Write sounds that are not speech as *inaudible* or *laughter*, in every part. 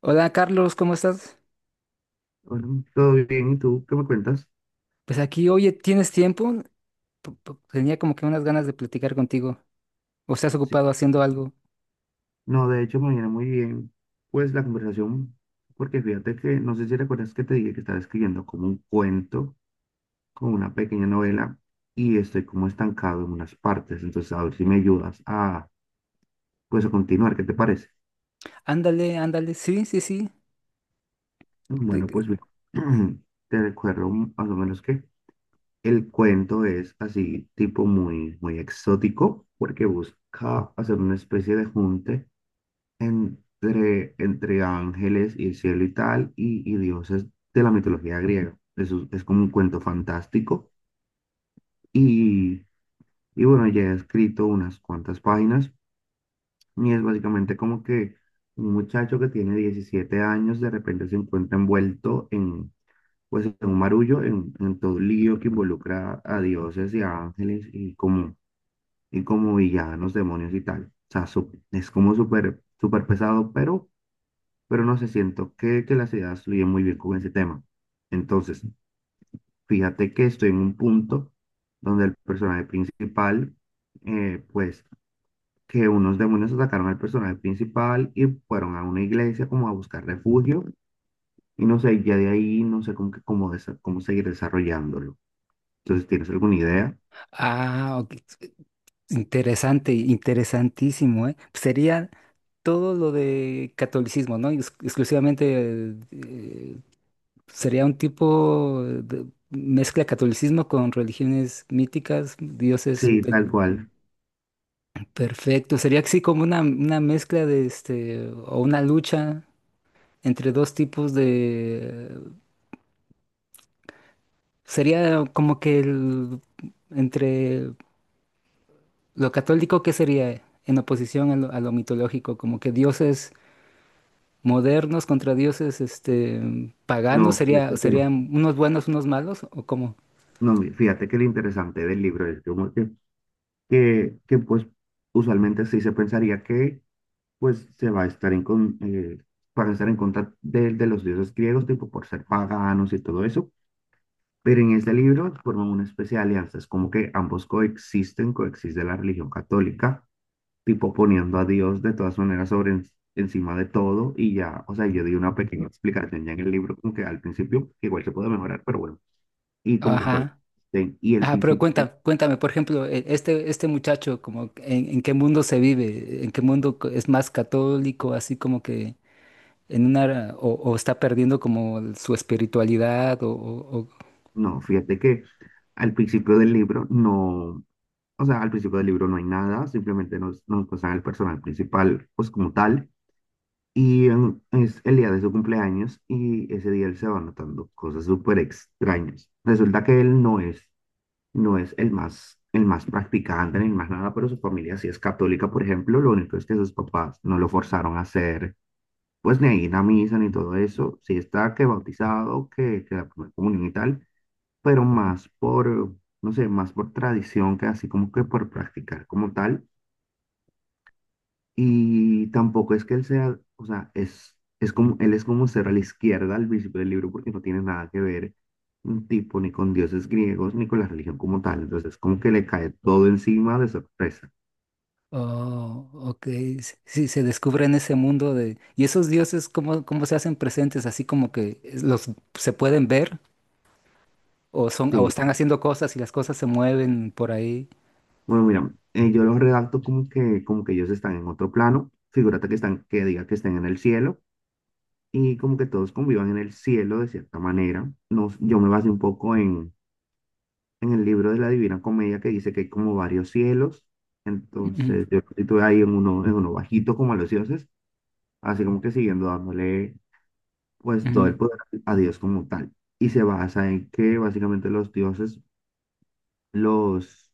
Hola Carlos, ¿cómo estás? Bueno, todo bien, ¿y tú qué me cuentas? Pues aquí, oye, ¿tienes tiempo? Tenía como que unas ganas de platicar contigo. ¿O estás Sí. ocupado haciendo algo? No, de hecho me viene muy bien, pues la conversación, porque fíjate que, no sé si recuerdas que te dije que estaba escribiendo como un cuento, como una pequeña novela, y estoy como estancado en unas partes, entonces a ver si me ayudas a, pues a continuar, ¿qué te parece? Ándale, ándale, sí, sí, sí. Bueno, pues te- mira, *clears throat* te recuerdo más o menos que el cuento es así, tipo muy, muy exótico, porque busca hacer una especie de junte entre ángeles y el cielo y tal, y dioses de la mitología griega. Eso es como un cuento fantástico. Y, y bueno, ya he escrito unas cuantas páginas y es básicamente como que un muchacho que tiene 17 años de repente se encuentra envuelto en, pues, en un marullo, en todo un lío que involucra a dioses y a ángeles y como villanos, demonios y tal. O sea, es como súper súper pesado, pero no sé, siento que las ideas fluyen muy bien con ese tema. Entonces, fíjate que estoy en un punto donde el personaje principal, eh, pues, que unos demonios atacaron al personaje principal y fueron a una iglesia como a buscar refugio, y no sé, ya de ahí no sé cómo seguir desarrollándolo. Entonces, ¿tienes alguna idea? Ah, ok. Interesante, interesantísimo, ¿eh? Sería todo lo de catolicismo, ¿no? Exclusivamente sería un tipo de mezcla catolicismo con religiones míticas, dioses. Sí, tal cual. Perfecto, sería así como una mezcla de este, o una lucha entre dos tipos de... Sería como que el- entre lo católico que sería en oposición a a lo mitológico, como que dioses modernos contra dioses paganos, No, sería, fíjate que no. serían unos buenos, unos malos, o cómo. No, fíjate que lo interesante del libro es como pues usualmente sí se pensaría que pues se va a estar para estar en contra de los dioses griegos, tipo por ser paganos y todo eso. Pero en este libro forman una especie de alianza, es como que ambos coexisten, coexiste la religión católica, tipo poniendo a Dios de todas maneras encima de todo y ya, o sea, yo di una pequeña explicación ya en el libro, como que al principio igual se puede mejorar, pero bueno, y como que Ajá. coexisten. Y el Ah, pero principio cuéntame, cuéntame, por ejemplo, este, este muchacho, como en qué mundo se vive, en qué mundo es más católico, así como que en una o está perdiendo como su espiritualidad No, fíjate que al principio del libro no, o sea, al principio del libro no hay nada, simplemente nos pasan al personal principal, pues como tal, es el día de su cumpleaños y ese día él se va notando cosas súper extrañas. Resulta que él no es, no es el más practicante ni el más nada, pero su familia sí es católica, por ejemplo, lo único es que sus papás no lo forzaron a hacer, pues ni a ir a misa ni todo eso, sí está que bautizado, que la primera comunión y tal pero más por, no sé, más por tradición que así como que por practicar como tal. Y tampoco es que él sea, o sea, es como, él es como ser a la izquierda al principio del libro porque no tiene nada que ver un tipo ni con dioses griegos ni con la religión como tal. Entonces, como que le cae todo encima de sorpresa. oh, ok. Sí, se descubre en ese mundo de y esos dioses cómo, cómo se hacen presentes así como que los se pueden ver o son o Sí, están haciendo cosas y las cosas se mueven por ahí. bueno, mira, yo los redacto como que ellos están en otro plano. Figúrate que están, que diga que están en el cielo y como que todos convivan en el cielo de cierta manera. No, yo me basé un poco en el libro de la Divina Comedia que dice que hay como varios cielos. Ujú, Entonces, yo estoy ahí en uno bajito como a los dioses, así como que siguiendo dándole pues todo el ujú, poder a Dios como tal. Y se basa en que básicamente los dioses, los,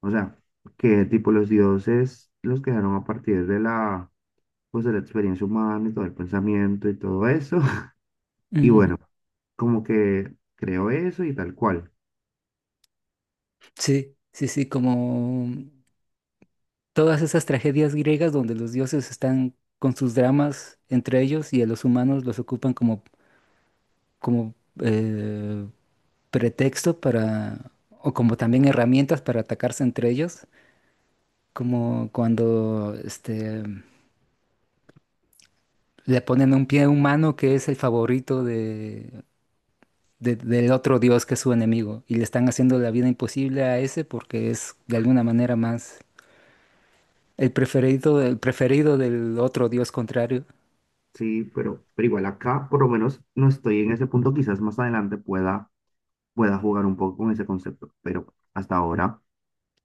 o sea, que tipo los dioses los crearon a partir de pues de la experiencia humana y todo el pensamiento y todo eso. *laughs* Y ujú. bueno, como que creo eso y tal cual. Sí, sí, sí, como todas esas tragedias griegas donde los dioses están con sus dramas entre ellos y a los humanos los ocupan como como eh, pretexto para, o como también herramientas para atacarse entre ellos, como cuando este, le ponen un pie a un humano que es el favorito de, del otro dios que es su enemigo, y le están haciendo la vida imposible a ese porque es de alguna manera más el preferido del otro dios contrario. Sí, pero igual acá, por lo menos, no estoy en ese punto. Quizás más adelante pueda jugar un poco con ese concepto, pero hasta ahora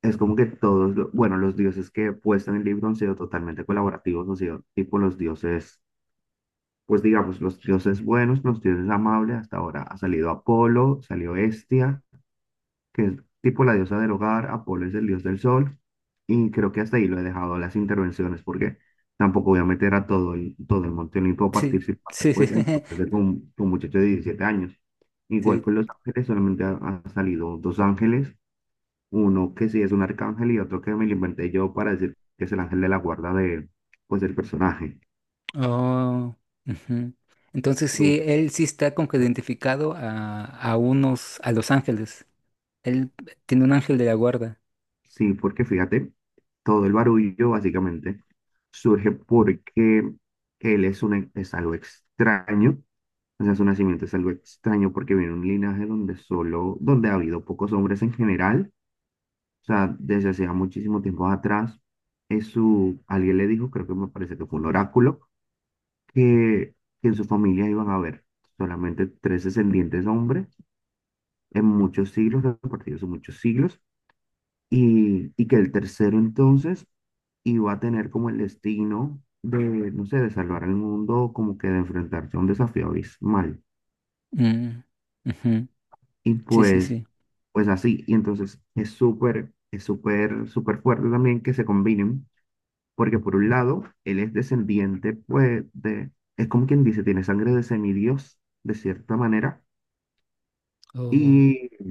es como que todos, bueno, los dioses que he puesto en el libro han sido totalmente colaborativos, han sido tipo los dioses, pues digamos, los dioses buenos, los dioses amables. Hasta ahora ha salido Apolo, salió Hestia, que es tipo la diosa del hogar, Apolo es el dios del sol, y creo que hasta ahí lo he dejado las intervenciones, porque tampoco voy a meter a todo el Monte Olimpo a Sí, participar sí, sí, pues, en propuestas *laughs* con muchachos de 17 años. Igual con sí. los ángeles, solamente han, salido dos ángeles, uno que sí es un arcángel y otro que me lo inventé yo para decir que es el ángel de la guarda de, pues, del personaje. Oh, ujú. Entonces sí, él sí está como que identificado a unos, a los ángeles. Él tiene un ángel de la guarda. Sí, porque fíjate, todo el barullo básicamente surge porque es algo extraño, o sea, su nacimiento es algo extraño porque viene de un linaje donde solo, donde ha habido pocos hombres en general, o sea, desde hacía muchísimo tiempo atrás, alguien le dijo, creo que me parece que fue un oráculo, que, que en su familia iban a haber solamente tres descendientes hombres en muchos siglos, repartidos en muchos siglos, y que el tercero entonces iba a tener como el destino de, no sé, de salvar al mundo, como que de enfrentarse a un desafío abismal. Mm, ujú. Y Sí, sí, pues, sí. pues así, y entonces es súper, súper fuerte también que se combinen, porque por un lado, él es descendiente, pues, es como quien dice, tiene sangre de semidios, de cierta manera, Oh, y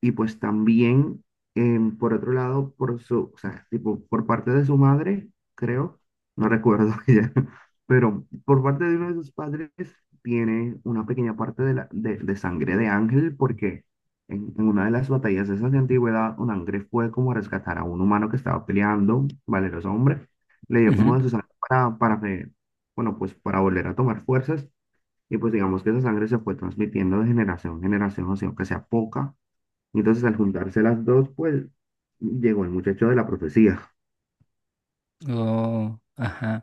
Y pues también, por otro lado, o sea, tipo, por parte de su madre, creo, no recuerdo *laughs* ya, pero por parte de uno de sus padres tiene una pequeña parte de sangre de ángel, porque en una de las batallas esas de antigüedad, un ángel fue como a rescatar a un humano que estaba peleando, valeroso hombre, le dio ujú. como de su sangre bueno, pues para volver a tomar fuerzas, y pues digamos que esa sangre se fue transmitiendo de generación en generación, o sea, aunque sea poca entonces, al juntarse las dos, pues llegó el muchacho de la profecía. Oh, ajá.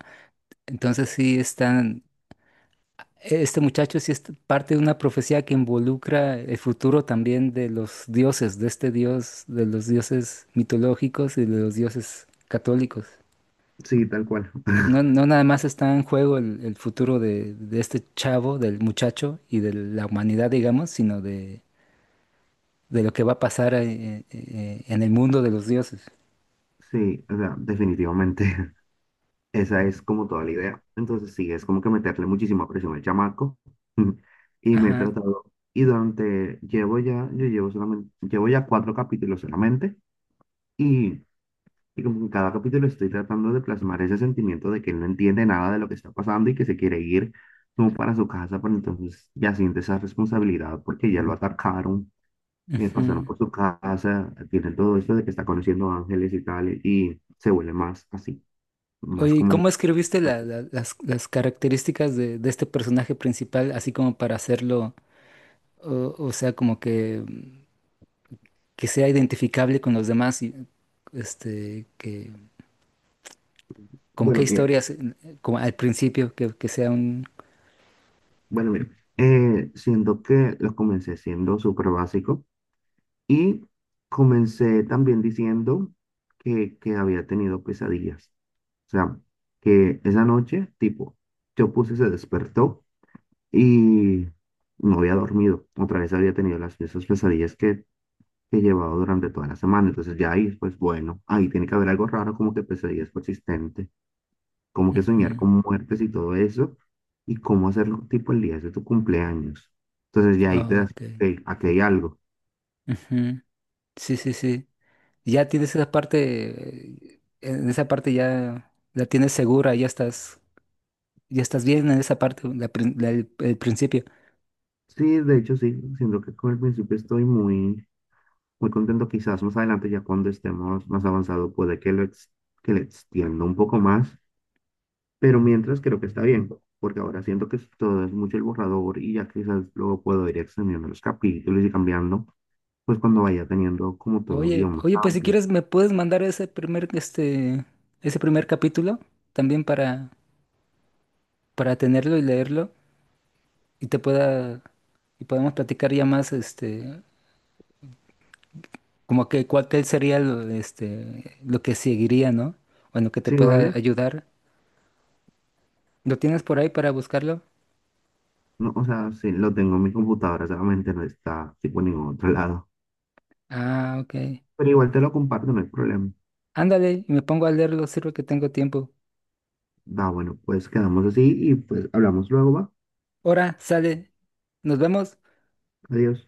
Entonces sí están, este muchacho sí es parte de una profecía que involucra el futuro también de los dioses, de este dios, de los dioses mitológicos y de los dioses católicos. Sí, tal cual. *laughs* No, no nada más está en juego el futuro de este chavo, del muchacho y de la humanidad, digamos, sino de lo que va a pasar en el mundo de los dioses. Sí, o sea, definitivamente *laughs* esa es como toda la idea. Entonces, sí, es como que meterle muchísima presión al chamaco. *laughs* Y me he Ajá. tratado, y durante, llevo ya cuatro capítulos solamente. Y, y como en cada capítulo estoy tratando de plasmar ese sentimiento de que él no entiende nada de lo que está pasando y que se quiere ir como para su casa, pero entonces ya siente esa responsabilidad porque ya lo atacaron pasaron Ujú. por su casa, tiene todo esto de que está conociendo ángeles y tal, y se vuelve más así, Oye, más ¿y como, cómo escribiste las características de este personaje principal, así como para hacerlo, o sea, como que, mm, que sea identificable con los demás y este, que, como qué bueno, mira, historias, como al principio, que sea un... bueno, mira, siendo que lo comencé siendo súper básico y comencé también diciendo que había tenido pesadillas, o sea, que esa noche, tipo, yo puse, se despertó y no había dormido, otra vez había tenido las esas pesadillas que llevaba durante toda la semana. Entonces ya ahí, pues bueno, ahí tiene que haber algo raro, como que pesadillas persistentes, como que soñar Ujú. con muertes y todo eso, y cómo hacerlo tipo el día de tu cumpleaños. Entonces ya ahí te das, Ok. ok, aquí hay algo. Ujú. Sí, sí, sí. Ya tienes esa parte, en esa parte ya la tienes segura, ya estás bien en esa parte, el principio. Sí, de hecho sí, siento que con el principio estoy muy, muy contento. Quizás más adelante, ya cuando estemos más avanzados, puede que que le extienda un poco más, pero mientras creo que está bien. Porque ahora siento que todo es mucho el borrador y ya quizás luego puedo ir extendiendo los capítulos y cambiando. Pues cuando vaya teniendo como todo un Oye, guión más oye, pues si amplio. quieres me puedes mandar ese primer, este, ese primer capítulo también para tenerlo y leerlo y te pueda, y podemos platicar ya más, este, como que cuál que sería lo, este, lo que seguiría, ¿no? Bueno, que te Sí, pueda ¿vale? ayudar. ¿Lo tienes por ahí para buscarlo? No, o sea, sí, lo tengo en mi computadora, solamente no está tipo en ningún otro lado. Ah, ok. Pero igual te lo comparto, no hay problema. Ándale, y me pongo a leerlo los sirve que tengo tiempo. Va, bueno, pues quedamos así y pues hablamos luego, va. Ahora, sale, nos vemos. Adiós.